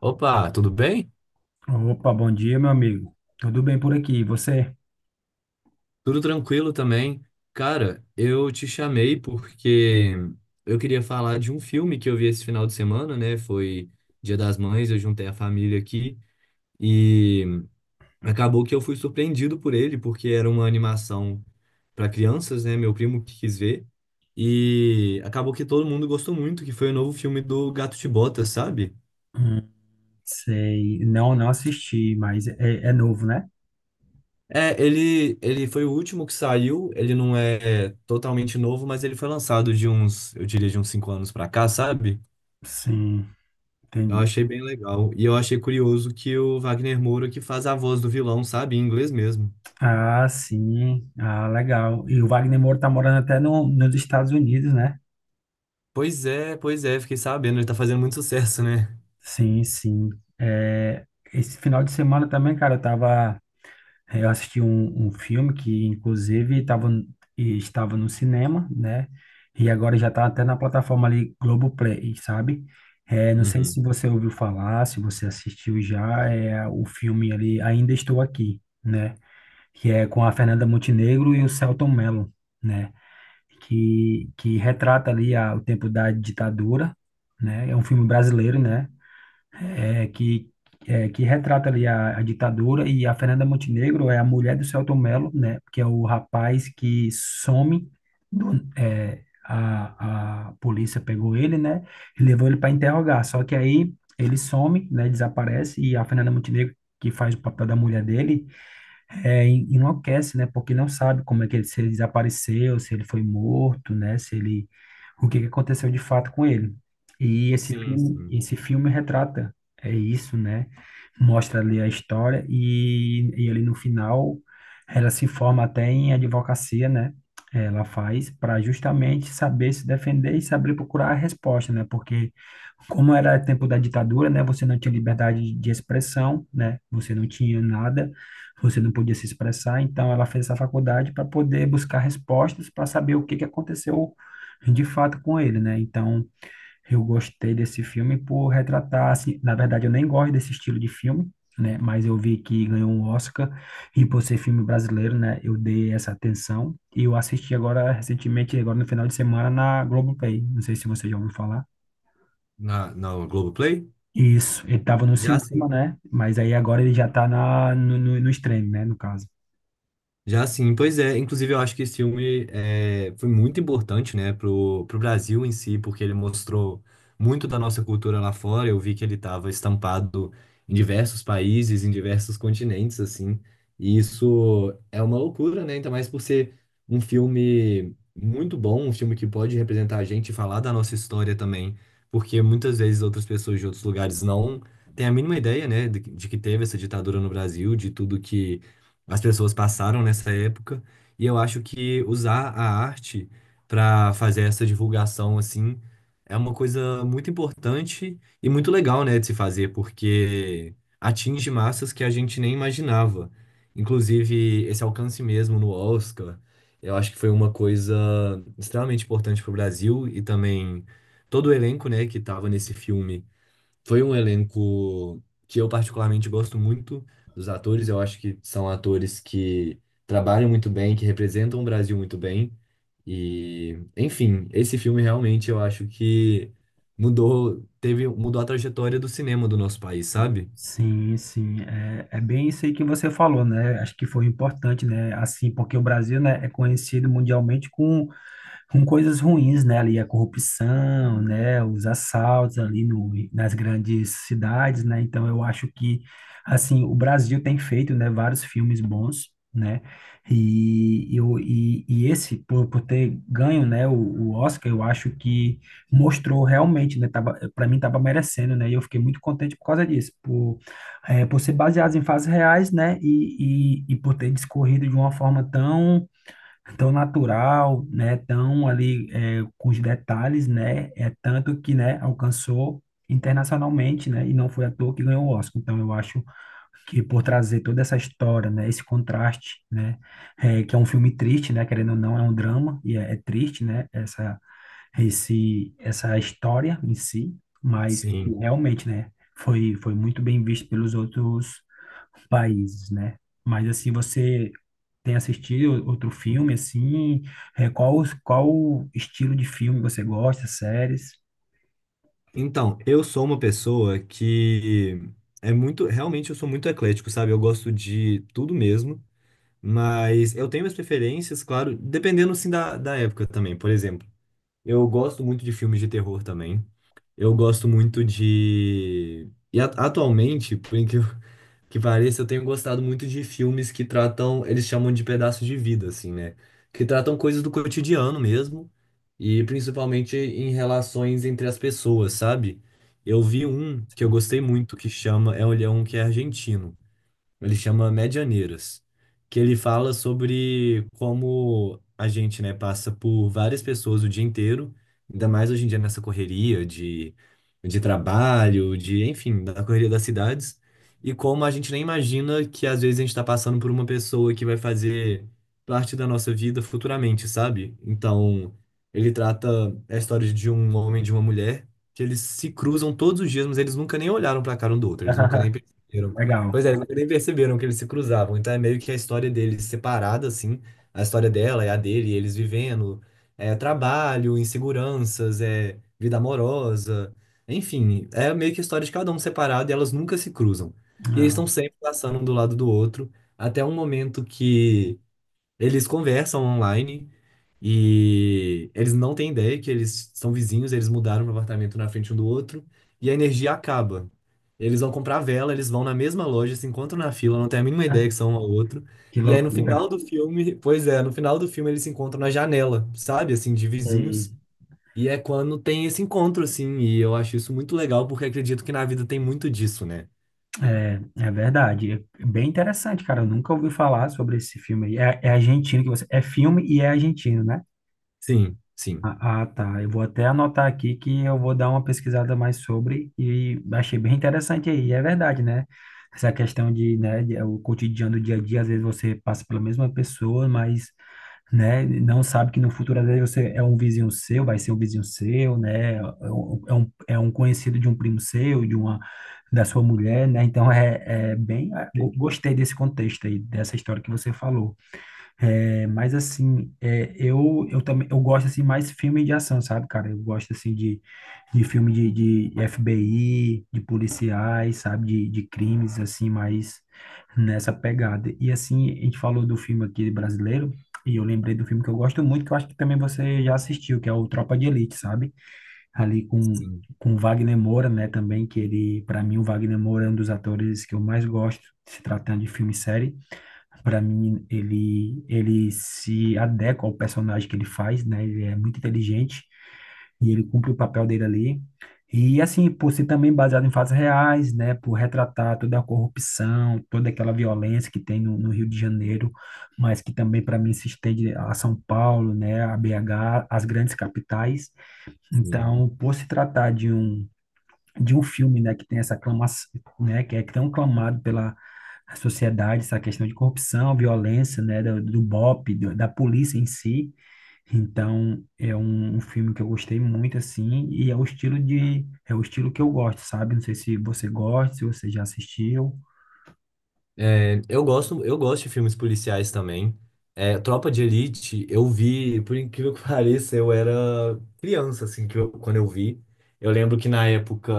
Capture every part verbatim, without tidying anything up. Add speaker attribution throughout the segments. Speaker 1: Opa, tudo bem?
Speaker 2: Opa, bom dia, meu amigo. Tudo bem por aqui? E você?
Speaker 1: Tudo tranquilo também. Cara, eu te chamei porque eu queria falar de um filme que eu vi esse final de semana, né? Foi Dia das Mães, eu juntei a família aqui e acabou que eu fui surpreendido por ele, porque era uma animação para crianças, né? Meu primo que quis ver. E acabou que todo mundo gostou muito, que foi o novo filme do Gato de Botas, sabe?
Speaker 2: Hum, sei. Não, não assisti, mas é, é novo, né?
Speaker 1: É, ele, ele foi o último que saiu, ele não é totalmente novo, mas ele foi lançado de uns, eu diria, de uns cinco anos pra cá, sabe?
Speaker 2: Sim,
Speaker 1: Eu
Speaker 2: entendi.
Speaker 1: achei bem legal. E eu achei curioso que o Wagner Moura que faz a voz do vilão, sabe? Em inglês mesmo.
Speaker 2: Ah, sim. Ah, legal. E o Wagner Moura tá morando até no, nos Estados Unidos, né?
Speaker 1: Pois é, pois é, fiquei sabendo, ele tá fazendo muito sucesso, né?
Speaker 2: Sim, sim. É, esse final de semana também, cara, eu tava. É, eu assisti um, um filme que, inclusive, tava, e estava no cinema, né? E agora já está até na plataforma ali Globoplay, sabe? É, não sei
Speaker 1: Uhum.
Speaker 2: se você ouviu falar, se você assistiu já, é o filme ali Ainda Estou Aqui, né? Que é com a Fernanda Montenegro e o Selton Mello, né? Que, que retrata ali a, o tempo da ditadura, né? É um filme brasileiro, né? é, que, é, que retrata ali a, a ditadura, e a Fernanda Montenegro é a mulher do Selton Mello, né, que é o rapaz que some, do, é, a, a polícia pegou ele, né, e levou ele para interrogar, só que aí ele some, né, desaparece, e a Fernanda Montenegro, que faz o papel da mulher dele, é, en- enlouquece, né? Porque não sabe como é que ele, se ele desapareceu, se ele foi morto, né? Se ele, o que que aconteceu de fato com ele. E esse
Speaker 1: Sim,
Speaker 2: filme,
Speaker 1: sim.
Speaker 2: esse filme retrata é isso, né? Mostra ali a história e, e ali no final ela se forma até em advocacia, né? Ela faz para justamente saber se defender e saber procurar a resposta, né? Porque como era tempo da ditadura, né? Você não tinha liberdade de expressão, né? Você não tinha nada, você não podia se expressar, então ela fez essa faculdade para poder buscar respostas para saber o que que aconteceu de fato com ele, né? Então, eu gostei desse filme por retratar, assim, na verdade eu nem gosto desse estilo de filme, né? Mas eu vi que ganhou um Oscar e por ser filme brasileiro, né, eu dei essa atenção e eu assisti agora recentemente, agora no final de semana na Globoplay. Não sei se você já ouviu falar.
Speaker 1: Na, na Globoplay?
Speaker 2: Isso, ele estava no
Speaker 1: Já,
Speaker 2: cinema, né? Mas aí agora ele já está na no, no, no stream, né, no caso.
Speaker 1: já sim, pois é. Inclusive, eu acho que esse filme é, foi muito importante, né, pro, pro Brasil em si, porque ele mostrou muito da nossa cultura lá fora. Eu vi que ele estava estampado em diversos países, em diversos continentes, assim. E isso é uma loucura, né? Ainda mais por ser um filme muito bom, um filme que pode representar a gente e falar da nossa história também, porque muitas vezes outras pessoas de outros lugares não têm a mínima ideia, né, de de que teve essa ditadura no Brasil, de tudo que as pessoas passaram nessa época, e eu acho que usar a arte para fazer essa divulgação assim é uma coisa muito importante e muito legal, né, de se fazer, porque atinge massas que a gente nem imaginava. Inclusive, esse alcance mesmo no Oscar, eu acho que foi uma coisa extremamente importante para o Brasil e também todo o elenco, né, que estava nesse filme foi um elenco que eu particularmente gosto muito dos atores. Eu acho que são atores que trabalham muito bem, que representam o Brasil muito bem. E, enfim, esse filme realmente eu acho que mudou, teve, mudou a trajetória do cinema do nosso país, sabe?
Speaker 2: Sim, sim, é, é bem isso aí que você falou, né? Acho que foi importante, né? Assim, porque o Brasil, né, é conhecido mundialmente com com coisas ruins, né? Ali a corrupção, né? Os assaltos ali no, nas grandes cidades, né? Então eu acho que, assim, o Brasil tem feito, né? Vários filmes bons, né? E, eu, e, e esse, por, por ter ganho, né? O, o Oscar, eu acho que mostrou realmente, né? Tava, para mim tava merecendo, né? E eu fiquei muito contente por causa disso, por, é, por ser baseado em fatos reais, né? E, e, e por ter discorrido de uma forma tão tão natural, né? Tão ali é, com os detalhes, né? É tanto que, né, alcançou internacionalmente, né? E não foi à toa que ganhou o Oscar. Então, eu acho que por trazer toda essa história, né? Esse contraste, né? é, que é um filme triste, né? Querendo ou não, é um drama e é, é triste, né? Essa, esse, essa história em si, mas
Speaker 1: Sim.
Speaker 2: realmente, né? Foi, foi muito bem visto pelos outros países, né? Mas assim, você tem assistido outro filme assim? É, qual qual estilo de filme você gosta? Séries?
Speaker 1: Então, eu sou uma pessoa que é muito, realmente eu sou muito eclético, sabe? Eu gosto de tudo mesmo, mas eu tenho minhas preferências, claro, dependendo sim da, da época também. Por exemplo, eu gosto muito de filmes de terror também. Eu gosto muito de. E at- atualmente, por incrível que pareça, eu tenho gostado muito de filmes que tratam, eles chamam de pedaços de vida, assim, né? Que tratam coisas do cotidiano mesmo, e principalmente em relações entre as pessoas, sabe? Eu vi um que eu
Speaker 2: Sim.
Speaker 1: gostei muito, que chama, é um ele é um que é argentino. Ele chama Medianeiras, que ele fala sobre como a gente, né, passa por várias pessoas o dia inteiro, ainda mais hoje em dia nessa correria de, de trabalho, de, enfim, da correria das cidades, e como a gente nem imagina que às vezes a gente está passando por uma pessoa que vai fazer parte da nossa vida futuramente, sabe? Então, ele trata a história de um homem e de uma mulher, que eles se cruzam todos os dias, mas eles nunca nem olharam para a cara um do outro, eles nunca nem
Speaker 2: Ah,
Speaker 1: perceberam.
Speaker 2: legal.
Speaker 1: Pois é, eles nunca nem perceberam que eles se cruzavam. Então é meio que a história deles separada, assim. A história dela é a dele, eles vivendo. É trabalho, inseguranças, é vida amorosa. Enfim, é meio que a história de cada um separado e elas nunca se cruzam. E eles estão sempre passando um do lado do outro, até um momento que eles conversam online e eles não têm ideia que eles são vizinhos, eles mudaram para apartamento na frente um do outro e a energia acaba. Eles vão comprar vela, eles vão na mesma loja, se encontram na fila, não têm a mínima
Speaker 2: Ah,
Speaker 1: ideia que são um ao outro.
Speaker 2: que
Speaker 1: E aí no
Speaker 2: loucura.
Speaker 1: final do filme, pois é, no final do filme eles se encontram na janela, sabe, assim, de
Speaker 2: Sei.
Speaker 1: vizinhos. E é quando tem esse encontro, assim, e eu acho isso muito legal porque acredito que na vida tem muito disso, né?
Speaker 2: É, é verdade. É bem interessante, cara. Eu nunca ouvi falar sobre esse filme aí. É, é argentino que você. É filme e é argentino, né?
Speaker 1: Sim, sim.
Speaker 2: Ah, ah, tá. Eu vou até anotar aqui que eu vou dar uma pesquisada mais sobre e achei bem interessante aí. E É verdade, né? Essa questão de, né, de- o cotidiano do dia a dia, às vezes você passa pela mesma pessoa, mas, né, não sabe que no futuro, às vezes você é um vizinho seu, vai ser um vizinho seu, né? É um, é um é um conhecido de um primo seu, de uma, da sua mulher, né? Então, é, é bem... ah, go- gostei desse contexto aí, dessa história que você falou. É, mas assim, é, eu, eu também eu gosto assim mais filme de ação, sabe, cara? Eu gosto assim de, de filme de, de F B I, de policiais, sabe, de, de crimes assim, mais nessa pegada. E assim, a gente falou do filme aqui brasileiro, e eu lembrei do filme que eu gosto muito, que eu acho que também você já assistiu, que é o Tropa de Elite, sabe? Ali com
Speaker 1: Sim,
Speaker 2: com Wagner Moura, né, também que ele, para mim o Wagner Moura é um dos atores que eu mais gosto, se tratando de filme e série. Para mim, ele, ele se adequa ao personagem que ele faz, né? Ele é muito inteligente e ele cumpre o papel dele ali. E assim, por ser também baseado em fatos reais, né? Por retratar toda a corrupção, toda aquela violência que tem no, no Rio de Janeiro, mas que também para mim se estende a São Paulo, né? A B H, as grandes capitais.
Speaker 1: sim.
Speaker 2: Então, por se tratar de um de um filme, né, que tem essa aclamação, né, que é tão clamado pela a sociedade, essa questão de corrupção, violência, né, do, do B O P, do- da polícia em si. Então, é um, um filme que eu gostei muito, assim, e é o estilo de, é o estilo que eu gosto, sabe? Não sei se você gosta, se você já assistiu.
Speaker 1: É, eu gosto, eu gosto de filmes policiais também. É, Tropa de Elite, eu vi, por incrível que pareça, eu era criança, assim, que eu- quando eu vi. Eu lembro que na época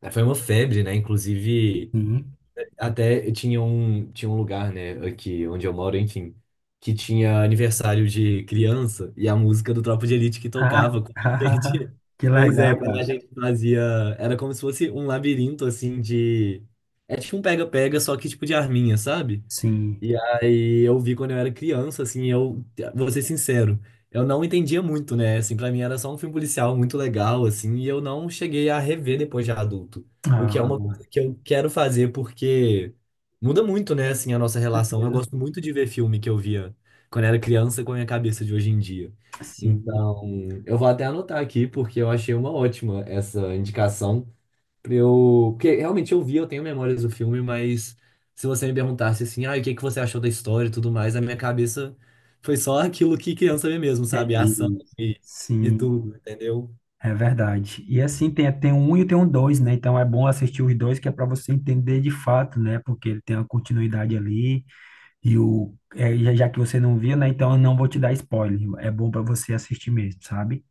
Speaker 1: eh, foi uma febre, né? Inclusive.
Speaker 2: Sim.
Speaker 1: Até tinha um, tinha um lugar, né, aqui onde eu moro, enfim, que tinha aniversário de criança e a música do Tropa de Elite que
Speaker 2: Ah,
Speaker 1: tocava quando a gente.
Speaker 2: que
Speaker 1: Pois é,
Speaker 2: legal,
Speaker 1: quando
Speaker 2: cara.
Speaker 1: a gente fazia. Era como se fosse um labirinto, assim, de. É tipo um pega-pega, só que tipo de arminha, sabe?
Speaker 2: Sim.
Speaker 1: E aí eu vi quando eu era criança, assim, eu vou ser sincero, eu não entendia muito, né? Assim, pra mim era só um filme policial muito legal, assim, e eu não cheguei a rever depois de adulto. O que é uma
Speaker 2: Ah,
Speaker 1: coisa que eu quero fazer porque muda muito, né, assim, a nossa relação. Eu gosto muito de ver filme que eu via quando era criança com a minha cabeça de hoje em dia.
Speaker 2: sim,
Speaker 1: Então, eu vou até anotar aqui porque eu achei uma ótima essa indicação. Pra eu, porque realmente eu vi, eu tenho memórias do filme, mas se você me perguntasse assim, ah, e o que que você achou da história e tudo mais, a minha cabeça foi só aquilo que criança vê mesmo, sabe? A ação
Speaker 2: entendi.
Speaker 1: e, e
Speaker 2: Sim,
Speaker 1: tudo, entendeu?
Speaker 2: é verdade. E assim, tem, tem um um e tem um dois, né? Então é bom assistir os dois, que é para você entender de fato, né? Porque ele tem uma continuidade ali. E o, é, já já que você não viu, né? Então eu não vou te dar spoiler. É bom para você assistir mesmo, sabe?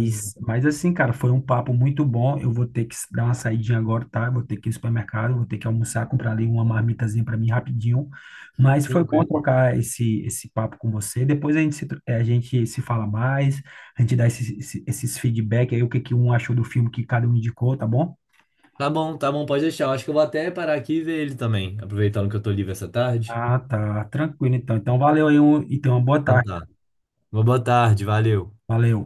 Speaker 1: Sim.
Speaker 2: mas assim, cara, foi um papo muito bom. Eu vou ter que dar uma saidinha agora, tá? Eu vou ter que ir no supermercado, vou ter que almoçar, comprar ali uma marmitazinha para mim rapidinho. Mas foi bom
Speaker 1: Tranquilo.
Speaker 2: trocar esse, esse papo com você. Depois a gente se, tro- eh, a gente se fala mais, a gente dá esses, esses, esses feedback aí, o que que um achou do filme que cada um indicou, tá bom?
Speaker 1: Tá bom, tá bom, pode deixar. Eu acho que eu vou até parar aqui e ver ele também, aproveitando que eu tô livre essa tarde.
Speaker 2: Ah, tá. Tranquilo, então. Então valeu aí um, e tenha uma boa
Speaker 1: Então
Speaker 2: tarde.
Speaker 1: tá. Uma boa tarde, valeu.
Speaker 2: Valeu.